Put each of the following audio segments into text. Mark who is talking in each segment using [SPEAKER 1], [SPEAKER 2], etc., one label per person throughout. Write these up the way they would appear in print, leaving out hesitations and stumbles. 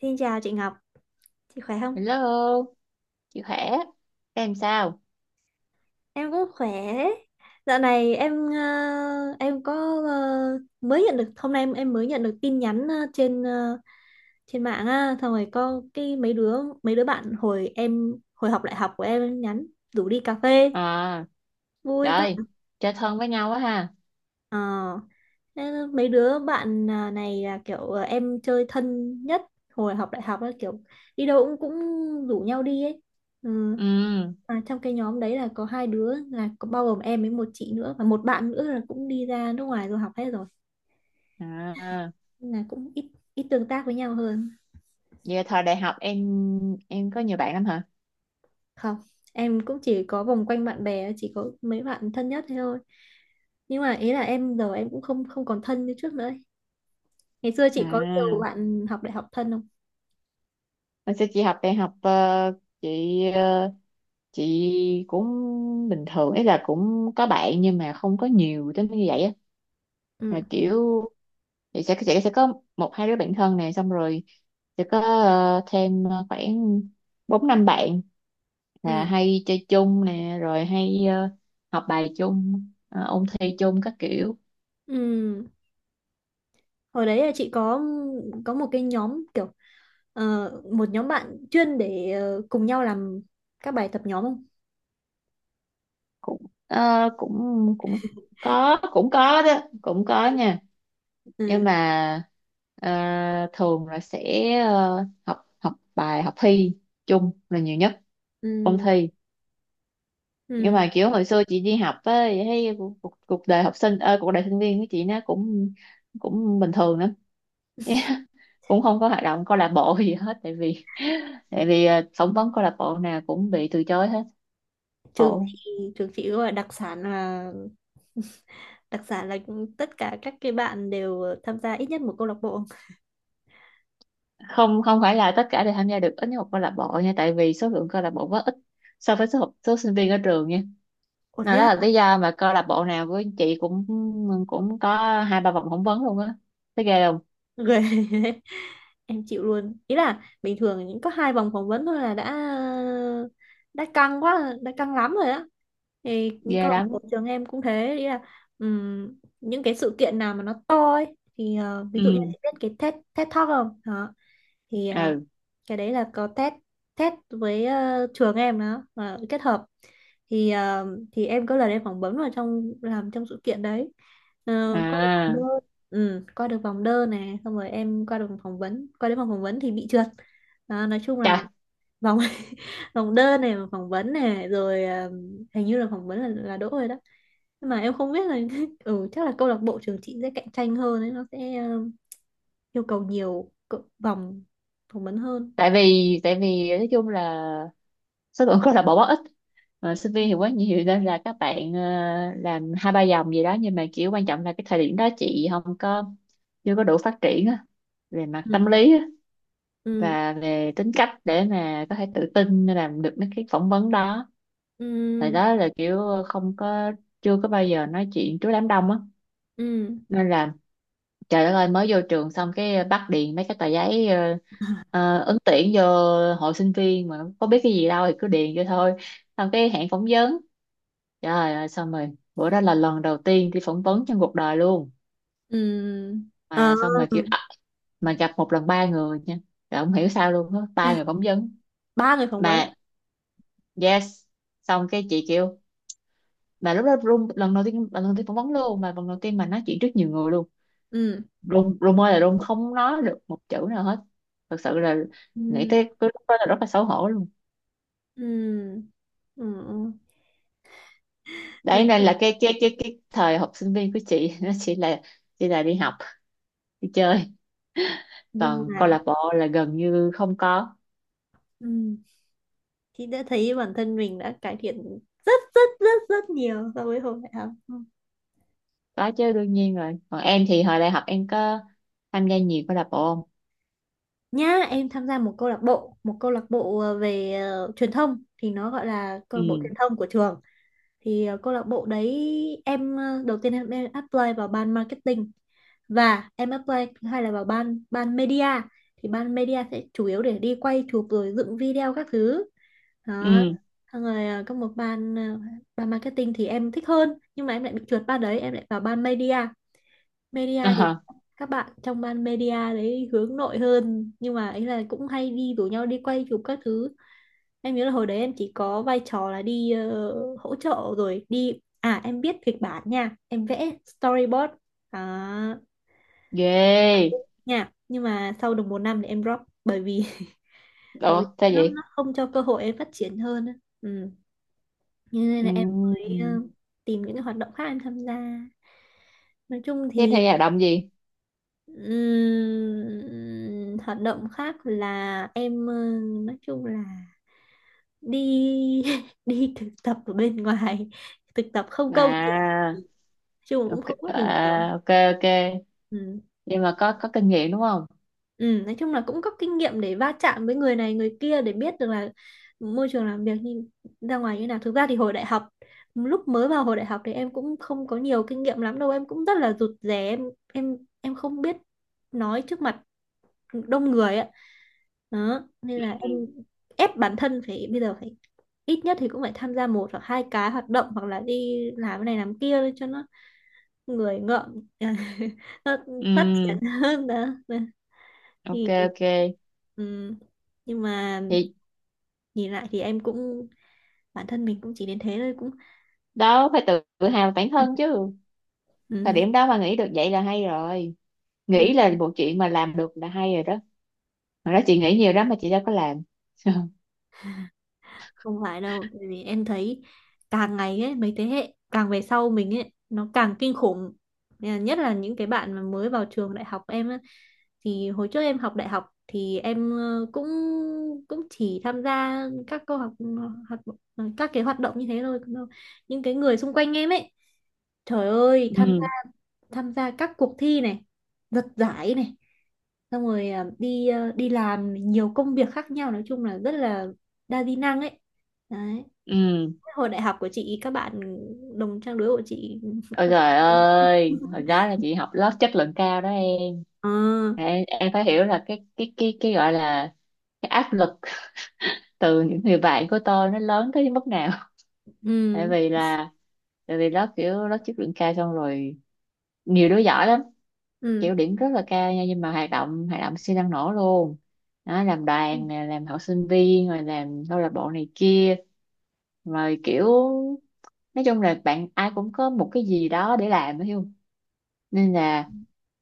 [SPEAKER 1] Xin chào chị Ngọc, chị khỏe không?
[SPEAKER 2] Hello, chị khỏe. Em sao?
[SPEAKER 1] Em cũng khỏe. Dạo này em em có mới nhận được hôm nay em mới nhận được tin nhắn trên trên mạng á, xong rồi có cái mấy đứa bạn hồi em hồi học đại học của em nhắn rủ đi cà phê,
[SPEAKER 2] À,
[SPEAKER 1] vui quá.
[SPEAKER 2] trời, chơi thân với nhau quá ha.
[SPEAKER 1] Ờ, thế mấy đứa bạn à, này là kiểu em chơi thân nhất hồi học đại học á, kiểu đi đâu cũng cũng rủ nhau đi ấy. Ừ.
[SPEAKER 2] Ừ,
[SPEAKER 1] À, trong cái nhóm đấy là có hai đứa là có bao gồm em với một chị nữa và một bạn nữa là cũng đi ra nước ngoài rồi học hết rồi
[SPEAKER 2] à,
[SPEAKER 1] nên là cũng ít ít tương tác với nhau hơn
[SPEAKER 2] giờ thời đại học em có nhiều bạn lắm hả?
[SPEAKER 1] không, em cũng chỉ có vòng quanh bạn bè chỉ có mấy bạn thân nhất thế thôi nhưng mà ý là em giờ em cũng không không còn thân như trước nữa ấy. Ngày xưa chị có nhiều
[SPEAKER 2] À,
[SPEAKER 1] bạn học đại học thân không?
[SPEAKER 2] hồi xưa chị học đại học chị chị cũng bình thường, ý là cũng có bạn nhưng mà không có nhiều tới như vậy á.
[SPEAKER 1] Ừ.
[SPEAKER 2] Rồi kiểu thì sẽ có một hai đứa bạn thân này, xong rồi sẽ có thêm khoảng bốn năm bạn là
[SPEAKER 1] Ừ.
[SPEAKER 2] hay chơi chung nè, rồi hay học bài chung, ôn thi chung các kiểu.
[SPEAKER 1] Ừ, hồi đấy là chị có một cái nhóm kiểu một nhóm bạn chuyên để cùng nhau làm các bài tập nhóm không?
[SPEAKER 2] Cũng ờ, cũng cũng có, cũng có đó, cũng có nha. Nhưng
[SPEAKER 1] Ừ.
[SPEAKER 2] mà ờ, thường là sẽ học học bài, học thi chung là nhiều nhất, ôn
[SPEAKER 1] Ừ.
[SPEAKER 2] thi. Nhưng
[SPEAKER 1] Ừ,
[SPEAKER 2] mà kiểu hồi xưa chị đi học á thì thấy cuộc, cuộc cuộc đời học sinh, cuộc đời sinh viên của chị nó cũng cũng bình thường lắm, cũng không có hoạt động câu lạc bộ gì hết. Tại vì phỏng vấn câu lạc bộ nào cũng bị từ chối hết.
[SPEAKER 1] trường
[SPEAKER 2] Khổ.
[SPEAKER 1] chị trường chị gọi đặc sản là đặc sản là tất cả các cái bạn đều tham gia ít nhất một câu lạc bộ.
[SPEAKER 2] Không, không phải là tất cả đều tham gia được ít nhất một câu lạc bộ nha, tại vì số lượng câu lạc bộ rất ít so với số sinh viên ở trường nha.
[SPEAKER 1] Ủa
[SPEAKER 2] Nên
[SPEAKER 1] thế
[SPEAKER 2] đó
[SPEAKER 1] à?
[SPEAKER 2] là lý do mà câu lạc bộ nào của chị cũng cũng có hai ba vòng phỏng vấn luôn á. Thấy ghê không?
[SPEAKER 1] Ghê, em chịu luôn, ý là bình thường những có hai vòng phỏng vấn thôi là đã căng quá đã căng lắm rồi á thì câu
[SPEAKER 2] Ghê
[SPEAKER 1] lạc
[SPEAKER 2] lắm.
[SPEAKER 1] bộ trường em cũng thế, ý là ừm, những cái sự kiện nào mà nó to ấy thì ờ, ví dụ như
[SPEAKER 2] Ừ,
[SPEAKER 1] chị biết cái TED TED Talk không đó thì à,
[SPEAKER 2] ừ,
[SPEAKER 1] cái đấy là có test test với trường em đó mà kết hợp thì thì em có lần em phỏng vấn vào trong làm trong sự kiện đấy.
[SPEAKER 2] à,
[SPEAKER 1] uh, ừ, qua được vòng đơn nè xong rồi em qua được vòng phỏng vấn qua đến vòng phỏng vấn thì bị trượt. Đó, nói chung là vòng vòng đơn này vòng phỏng vấn này rồi à, hình như là phỏng vấn là đỗ rồi đó nhưng mà em không biết là ừ chắc là câu lạc bộ trường chị sẽ cạnh tranh hơn đấy, nó sẽ yêu cầu nhiều vòng phỏng vấn hơn.
[SPEAKER 2] tại vì nói chung là số lượng rất là bó ít, mà sinh viên thì quá nhiều, nên là các bạn làm hai ba dòng gì đó. Nhưng mà kiểu quan trọng là cái thời điểm đó chị không có, chưa có đủ phát triển á, về mặt
[SPEAKER 1] Ừ.
[SPEAKER 2] tâm lý á,
[SPEAKER 1] Ừ.
[SPEAKER 2] và về tính cách để mà có thể tự tin làm được mấy cái phỏng vấn đó. Thời
[SPEAKER 1] Ừ.
[SPEAKER 2] đó là kiểu không có, chưa có bao giờ nói chuyện trước đám đông á.
[SPEAKER 1] Ừ.
[SPEAKER 2] Nên là trời đất ơi, mới vô trường xong cái bắt điền mấy cái tờ giấy, ứng tuyển vô hội sinh viên mà có biết cái gì đâu, thì cứ điền vô thôi. Xong cái hẹn phỏng vấn, trời ơi, xong rồi bữa đó là lần đầu tiên đi phỏng vấn trong cuộc đời luôn.
[SPEAKER 1] Ừ. Ờ,
[SPEAKER 2] Mà xong mà kiểu à, mà gặp một lần ba người nha, rồi không hiểu sao luôn á, ba người phỏng vấn
[SPEAKER 1] ba người phỏng vấn ấy.
[SPEAKER 2] mà. Yes. Xong cái chị kêu, mà lúc đó run, lần đầu tiên phỏng vấn luôn mà, lần đầu tiên mà nói chuyện trước nhiều người luôn,
[SPEAKER 1] Ừ.
[SPEAKER 2] run run ơi là run, không nói được một chữ nào hết. Thật sự là nghĩ
[SPEAKER 1] Ừ.
[SPEAKER 2] tới cái lúc đó là rất là xấu hổ luôn.
[SPEAKER 1] Ừ, ừ.
[SPEAKER 2] Đấy
[SPEAKER 1] Nói
[SPEAKER 2] nên
[SPEAKER 1] chung
[SPEAKER 2] là cái thời học sinh viên của chị nó chỉ là đi học, đi chơi,
[SPEAKER 1] nhưng
[SPEAKER 2] còn câu
[SPEAKER 1] mà
[SPEAKER 2] lạc bộ là gần như không có.
[SPEAKER 1] ừ. Chị đã thấy bản thân mình đã cải thiện rất rất rất rất nhiều so với hồi đại học.
[SPEAKER 2] Có chứ, đương nhiên rồi. Còn em thì hồi đại học em có tham gia nhiều câu lạc bộ không?
[SPEAKER 1] Nhá em tham gia một câu lạc bộ về truyền thông thì nó gọi là câu lạc bộ
[SPEAKER 2] Ừ,
[SPEAKER 1] truyền thông của trường. Thì câu lạc bộ đấy em ờ, đầu tiên em apply vào ban marketing và em apply hay là vào ban ban media, thì ban media sẽ chủ yếu để đi quay chụp rồi dựng video các thứ đó.
[SPEAKER 2] ừ,
[SPEAKER 1] Xong rồi có một ban ban marketing thì em thích hơn nhưng mà em lại bị trượt ban đấy em lại vào ban media. Media thì
[SPEAKER 2] à,
[SPEAKER 1] các bạn trong ban media đấy hướng nội hơn nhưng mà ấy là cũng hay đi rủ nhau đi quay chụp các thứ. Em nhớ là hồi đấy em chỉ có vai trò là đi hỗ trợ rồi đi à em biết kịch bản nha em vẽ storyboard à,
[SPEAKER 2] ghê.
[SPEAKER 1] nha nhưng mà sau được một năm thì em drop bởi vì bởi
[SPEAKER 2] Ủa
[SPEAKER 1] vì
[SPEAKER 2] sao
[SPEAKER 1] nó
[SPEAKER 2] vậy?
[SPEAKER 1] nó không cho cơ hội em phát triển hơn á. Ừ. Cho nên
[SPEAKER 2] Ừ.
[SPEAKER 1] là em mới tìm những cái hoạt động khác em tham gia, nói chung
[SPEAKER 2] Thế em
[SPEAKER 1] thì
[SPEAKER 2] tham gia hoạt động gì?
[SPEAKER 1] hoạt động khác là em ờ, nói chung là đi đi thực tập ở bên ngoài, thực tập không
[SPEAKER 2] À,
[SPEAKER 1] công chị ạ. Ừ, chung cũng
[SPEAKER 2] ok
[SPEAKER 1] không có gì nhiều.
[SPEAKER 2] à, ok, ok.
[SPEAKER 1] Ừ.
[SPEAKER 2] Nhưng mà có kinh nghiệm đúng không?
[SPEAKER 1] Ừ, nói chung là cũng có kinh nghiệm để va chạm với người này người kia để biết được là môi trường làm việc như ra ngoài như nào. Thực ra thì hồi đại học lúc mới vào hồi đại học thì em cũng không có nhiều kinh nghiệm lắm đâu, em cũng rất là rụt rè, em không biết nói trước mặt đông người ạ. Đó nên là em ép bản thân phải bây giờ phải ít nhất thì cũng phải tham gia một hoặc hai cái hoạt động hoặc là đi làm cái này làm kia để cho nó người ngợm nó
[SPEAKER 2] Ừ,
[SPEAKER 1] phát triển hơn đó. Đó. Thì
[SPEAKER 2] ok, ok.
[SPEAKER 1] ừm, nhưng mà
[SPEAKER 2] Thì
[SPEAKER 1] nhìn lại thì em cũng bản thân mình cũng chỉ đến thế thôi cũng
[SPEAKER 2] đó, phải tự tự hào bản thân chứ, thời
[SPEAKER 1] ừm,
[SPEAKER 2] điểm đó mà nghĩ được vậy là hay rồi, nghĩ
[SPEAKER 1] ừm.
[SPEAKER 2] là một chuyện mà làm được là hay rồi đó. Mà đó, chị nghĩ nhiều lắm mà chị đâu có làm.
[SPEAKER 1] Không phải đâu tại vì em thấy càng ngày ấy mấy thế hệ càng về sau mình ấy nó càng kinh khủng. Nên là nhất là những cái bạn mà mới vào trường đại học em ấy, thì hồi trước em học đại học thì em cũng cũng chỉ tham gia các câu học, học các cái hoạt động như thế thôi. Những cái người xung quanh em ấy, trời ơi
[SPEAKER 2] Ừ,
[SPEAKER 1] tham gia các cuộc thi này giật giải này xong rồi à, đi làm nhiều công việc khác nhau nói chung là rất là đa di năng ấy, đấy
[SPEAKER 2] ừ.
[SPEAKER 1] hồi đại học của chị các bạn đồng trang lứa của chị.
[SPEAKER 2] Ôi trời ơi, hồi đó là chị học lớp chất lượng cao đó em,
[SPEAKER 1] Ờ.
[SPEAKER 2] em phải hiểu là cái gọi là cái áp lực từ những người bạn của tôi nó lớn tới mức nào. Tại
[SPEAKER 1] Ừ.
[SPEAKER 2] vì là tại vì lớp kiểu lớp chất lượng cao, xong rồi nhiều đứa giỏi lắm,
[SPEAKER 1] Ừ.
[SPEAKER 2] kiểu điểm rất là cao nha, nhưng mà hoạt động siêu năng nổ luôn. Đó, làm đoàn nè, làm học sinh viên, rồi làm câu lạc bộ này kia, rồi kiểu nói chung là bạn ai cũng có một cái gì đó để làm, hiểu không? Nên là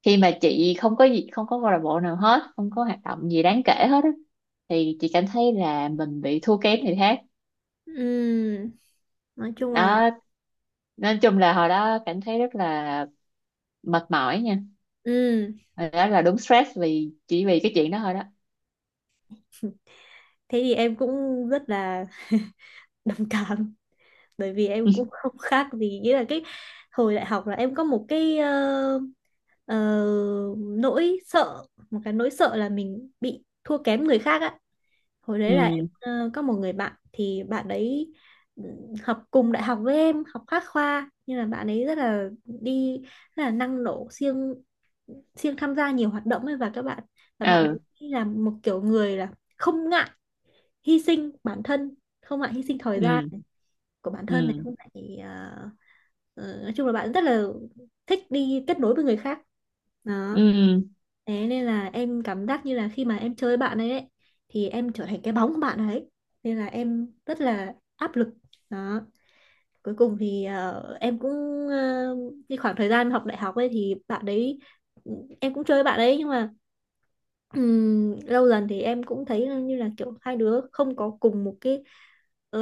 [SPEAKER 2] khi mà chị không có gì, không có câu lạc bộ nào hết, không có hoạt động gì đáng kể hết á, thì chị cảm thấy là mình bị thua kém người khác.
[SPEAKER 1] Ừ. Nói chung là
[SPEAKER 2] Đó, nói chung là hồi đó cảm thấy rất là mệt mỏi nha.
[SPEAKER 1] ừ.
[SPEAKER 2] Hồi đó là đúng stress vì chỉ vì cái chuyện đó thôi đó.
[SPEAKER 1] Thế thì em cũng rất là đồng cảm bởi vì em cũng không khác gì, nghĩa là cái hồi đại học là em có một cái ờ, nỗi sợ, một cái nỗi sợ là mình bị thua kém người khác á. Hồi đấy là em
[SPEAKER 2] Ừ,
[SPEAKER 1] có một người bạn thì bạn đấy ừ, học cùng đại học với em học khác khoa nhưng là bạn ấy rất là đi rất là năng nổ siêng siêng tham gia nhiều hoạt động ấy và các bạn và bạn
[SPEAKER 2] ừ,
[SPEAKER 1] ấy là một kiểu người là không ngại hy sinh bản thân, không ngại hy sinh thời gian
[SPEAKER 2] ừ,
[SPEAKER 1] của bản thân này,
[SPEAKER 2] ừ,
[SPEAKER 1] không phải ờ, nói chung là bạn rất là thích đi kết nối với người khác đó.
[SPEAKER 2] ừ, ừ,
[SPEAKER 1] Thế nên là em cảm giác như là khi mà em chơi với ấy thì em trở thành cái bóng của bạn ấy nên là em rất là áp lực đó. Cuối cùng thì em cũng ờ, cái khoảng thời gian học đại học ấy thì bạn đấy ừ, em cũng chơi với bạn đấy nhưng mà lâu dần thì em cũng thấy như là kiểu hai đứa không có cùng một cái ờ,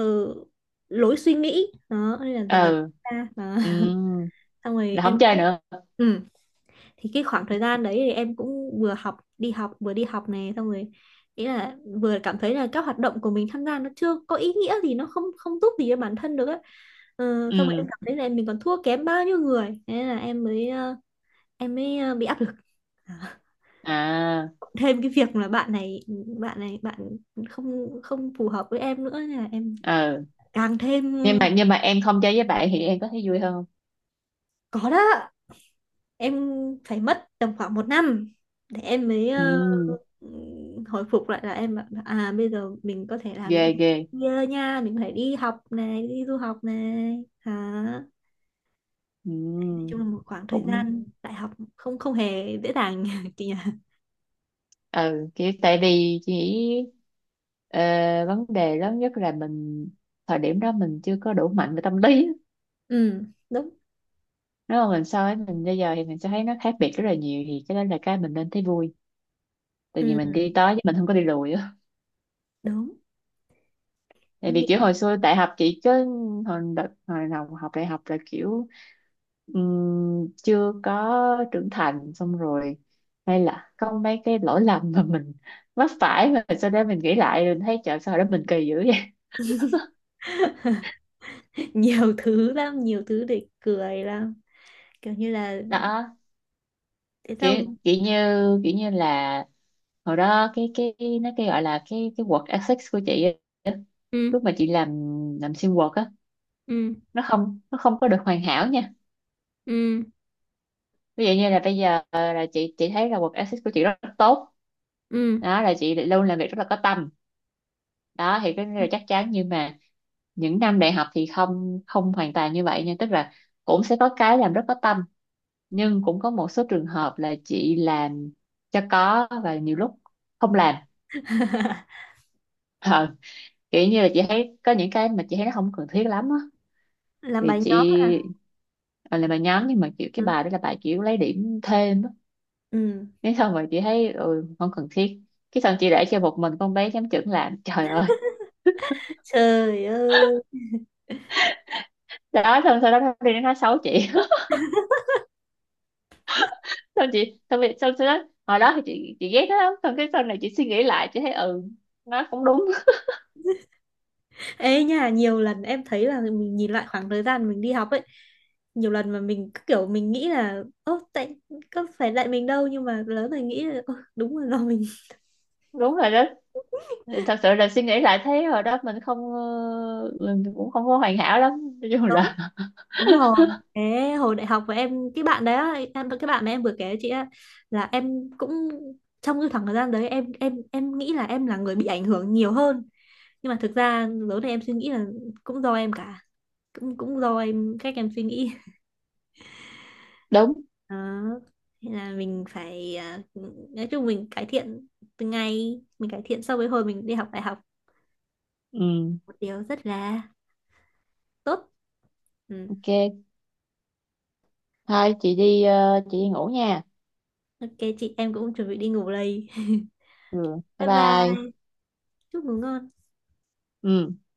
[SPEAKER 1] lối suy nghĩ đó nên là dần dần ra đó.
[SPEAKER 2] ừ
[SPEAKER 1] Xong rồi
[SPEAKER 2] là không
[SPEAKER 1] em
[SPEAKER 2] chơi
[SPEAKER 1] cũng
[SPEAKER 2] nữa.
[SPEAKER 1] ừ. Thì cái khoảng thời gian đấy thì em cũng vừa học đi học vừa đi học này xong rồi ý là vừa cảm thấy là các hoạt động của mình tham gia nó chưa có ý nghĩa gì, nó không không giúp gì cho bản thân được á. Ờ, xong rồi
[SPEAKER 2] Ừ,
[SPEAKER 1] em cảm thấy là em mình còn thua kém bao nhiêu người thế là em mới em mới bị áp lực
[SPEAKER 2] à,
[SPEAKER 1] thêm cái việc là bạn không không phù hợp với em nữa nên là em
[SPEAKER 2] ừ.
[SPEAKER 1] càng thêm.
[SPEAKER 2] Nhưng mà em không chơi với bạn thì em có thấy vui hơn không?
[SPEAKER 1] Có đó, em phải mất tầm khoảng một năm để em mới
[SPEAKER 2] Ừ,
[SPEAKER 1] hồi phục lại là em bảo, là, à bây giờ mình có thể làm được
[SPEAKER 2] ghê
[SPEAKER 1] cái
[SPEAKER 2] ghê.
[SPEAKER 1] kia nha, mình phải đi học này đi du học này hả. Nói chung
[SPEAKER 2] Ừ,
[SPEAKER 1] là một khoảng thời
[SPEAKER 2] cũng.
[SPEAKER 1] gian đại học không không hề dễ dàng chị nhỉ.
[SPEAKER 2] Ừ, kiểu tại vì chỉ ờ, vấn đề lớn nhất là mình thời điểm đó mình chưa có đủ mạnh về tâm lý á.
[SPEAKER 1] Ừ đúng.
[SPEAKER 2] Nếu mà mình so với mình bây giờ thì mình sẽ thấy nó khác biệt rất là nhiều, thì cái đó là cái mình nên thấy vui, tại vì
[SPEAKER 1] Ừ,
[SPEAKER 2] mình đi tới chứ mình không có đi lùi á.
[SPEAKER 1] đúng.
[SPEAKER 2] Tại
[SPEAKER 1] Em
[SPEAKER 2] vì
[SPEAKER 1] nghĩ
[SPEAKER 2] kiểu
[SPEAKER 1] là
[SPEAKER 2] hồi xưa đại học chị cứ, hồi đợt hồi đầu học đại học là kiểu chưa có trưởng thành, xong rồi hay là có mấy cái lỗi lầm mà mình mắc phải mà sau đó mình nghĩ lại rồi mình thấy trời sao hồi đó mình kỳ dữ vậy.
[SPEAKER 1] nhiều thứ lắm, nhiều thứ để cười lắm. Kiểu như là
[SPEAKER 2] Đó,
[SPEAKER 1] thế sao
[SPEAKER 2] kiểu kiểu như là hồi đó cái nó gọi là cái work ethics của chị á,
[SPEAKER 1] ừ
[SPEAKER 2] lúc mà chị làm sim work á,
[SPEAKER 1] ừ
[SPEAKER 2] nó không, nó không có được hoàn hảo nha.
[SPEAKER 1] ừ
[SPEAKER 2] Ví dụ như là bây giờ là chị thấy là work ethics của chị rất tốt,
[SPEAKER 1] ừ
[SPEAKER 2] đó là chị luôn làm việc rất là có tâm, đó thì cái là chắc chắn. Nhưng mà những năm đại học thì không, không hoàn toàn như vậy nha, tức là cũng sẽ có cái làm rất có tâm, nhưng cũng có một số trường hợp là chị làm cho có, và nhiều lúc không làm. Ờ, kiểu như là chị thấy có những cái mà chị thấy nó không cần thiết lắm á,
[SPEAKER 1] làm
[SPEAKER 2] thì
[SPEAKER 1] bài
[SPEAKER 2] chị
[SPEAKER 1] nhóm à?
[SPEAKER 2] ờ, làm bài nhóm, nhưng mà kiểu cái
[SPEAKER 1] Ừ.
[SPEAKER 2] bài đó là bài kiểu lấy điểm thêm á.
[SPEAKER 1] Ừ.
[SPEAKER 2] Thế xong rồi chị thấy ừ, không cần thiết, cái xong chị để cho một mình con bé giám trưởng làm, trời ơi.
[SPEAKER 1] Trời ơi.
[SPEAKER 2] Đó, xong sau đó nó đi nó nói xấu chị. Xong chị xong, rồi- xong sau đó hồi đó thì chị ghét nó lắm, xong cái sau này chị suy nghĩ lại chị thấy ừ, nó cũng đúng.
[SPEAKER 1] Ê nha, nhiều lần em thấy là mình nhìn lại khoảng thời gian mình đi học ấy, nhiều lần mà mình cứ kiểu mình nghĩ là ô tại có phải tại mình đâu nhưng mà lớn rồi nghĩ là "Ơ, đúng rồi do mình
[SPEAKER 2] Đúng rồi đó, thật sự là suy nghĩ lại thấy hồi đó mình không mình cũng không có hoàn hảo lắm, nói chung
[SPEAKER 1] đúng
[SPEAKER 2] là.
[SPEAKER 1] đúng rồi". Thế hồi đại học của em cái bạn đấy á, em cái bạn mà em vừa kể chị á là em cũng trong cái khoảng thời gian đấy em nghĩ là em là người bị ảnh hưởng nhiều hơn nhưng mà thực ra lớn này em suy nghĩ là cũng do em cả, cũng cũng do em cách em suy nghĩ
[SPEAKER 2] Đúng.
[SPEAKER 1] đó. Thế là mình phải à, nói chung mình cải thiện từng ngày, mình cải thiện so với hồi mình đi học đại học
[SPEAKER 2] Ừ,
[SPEAKER 1] một điều rất là tốt. Ừ.
[SPEAKER 2] ok. Thôi chị đi chị đi ngủ nha.
[SPEAKER 1] Ok, chị em cũng chuẩn bị đi ngủ đây.
[SPEAKER 2] Ừ, bye
[SPEAKER 1] Bye
[SPEAKER 2] bye.
[SPEAKER 1] bye, chúc ngủ ngon.
[SPEAKER 2] Ừ.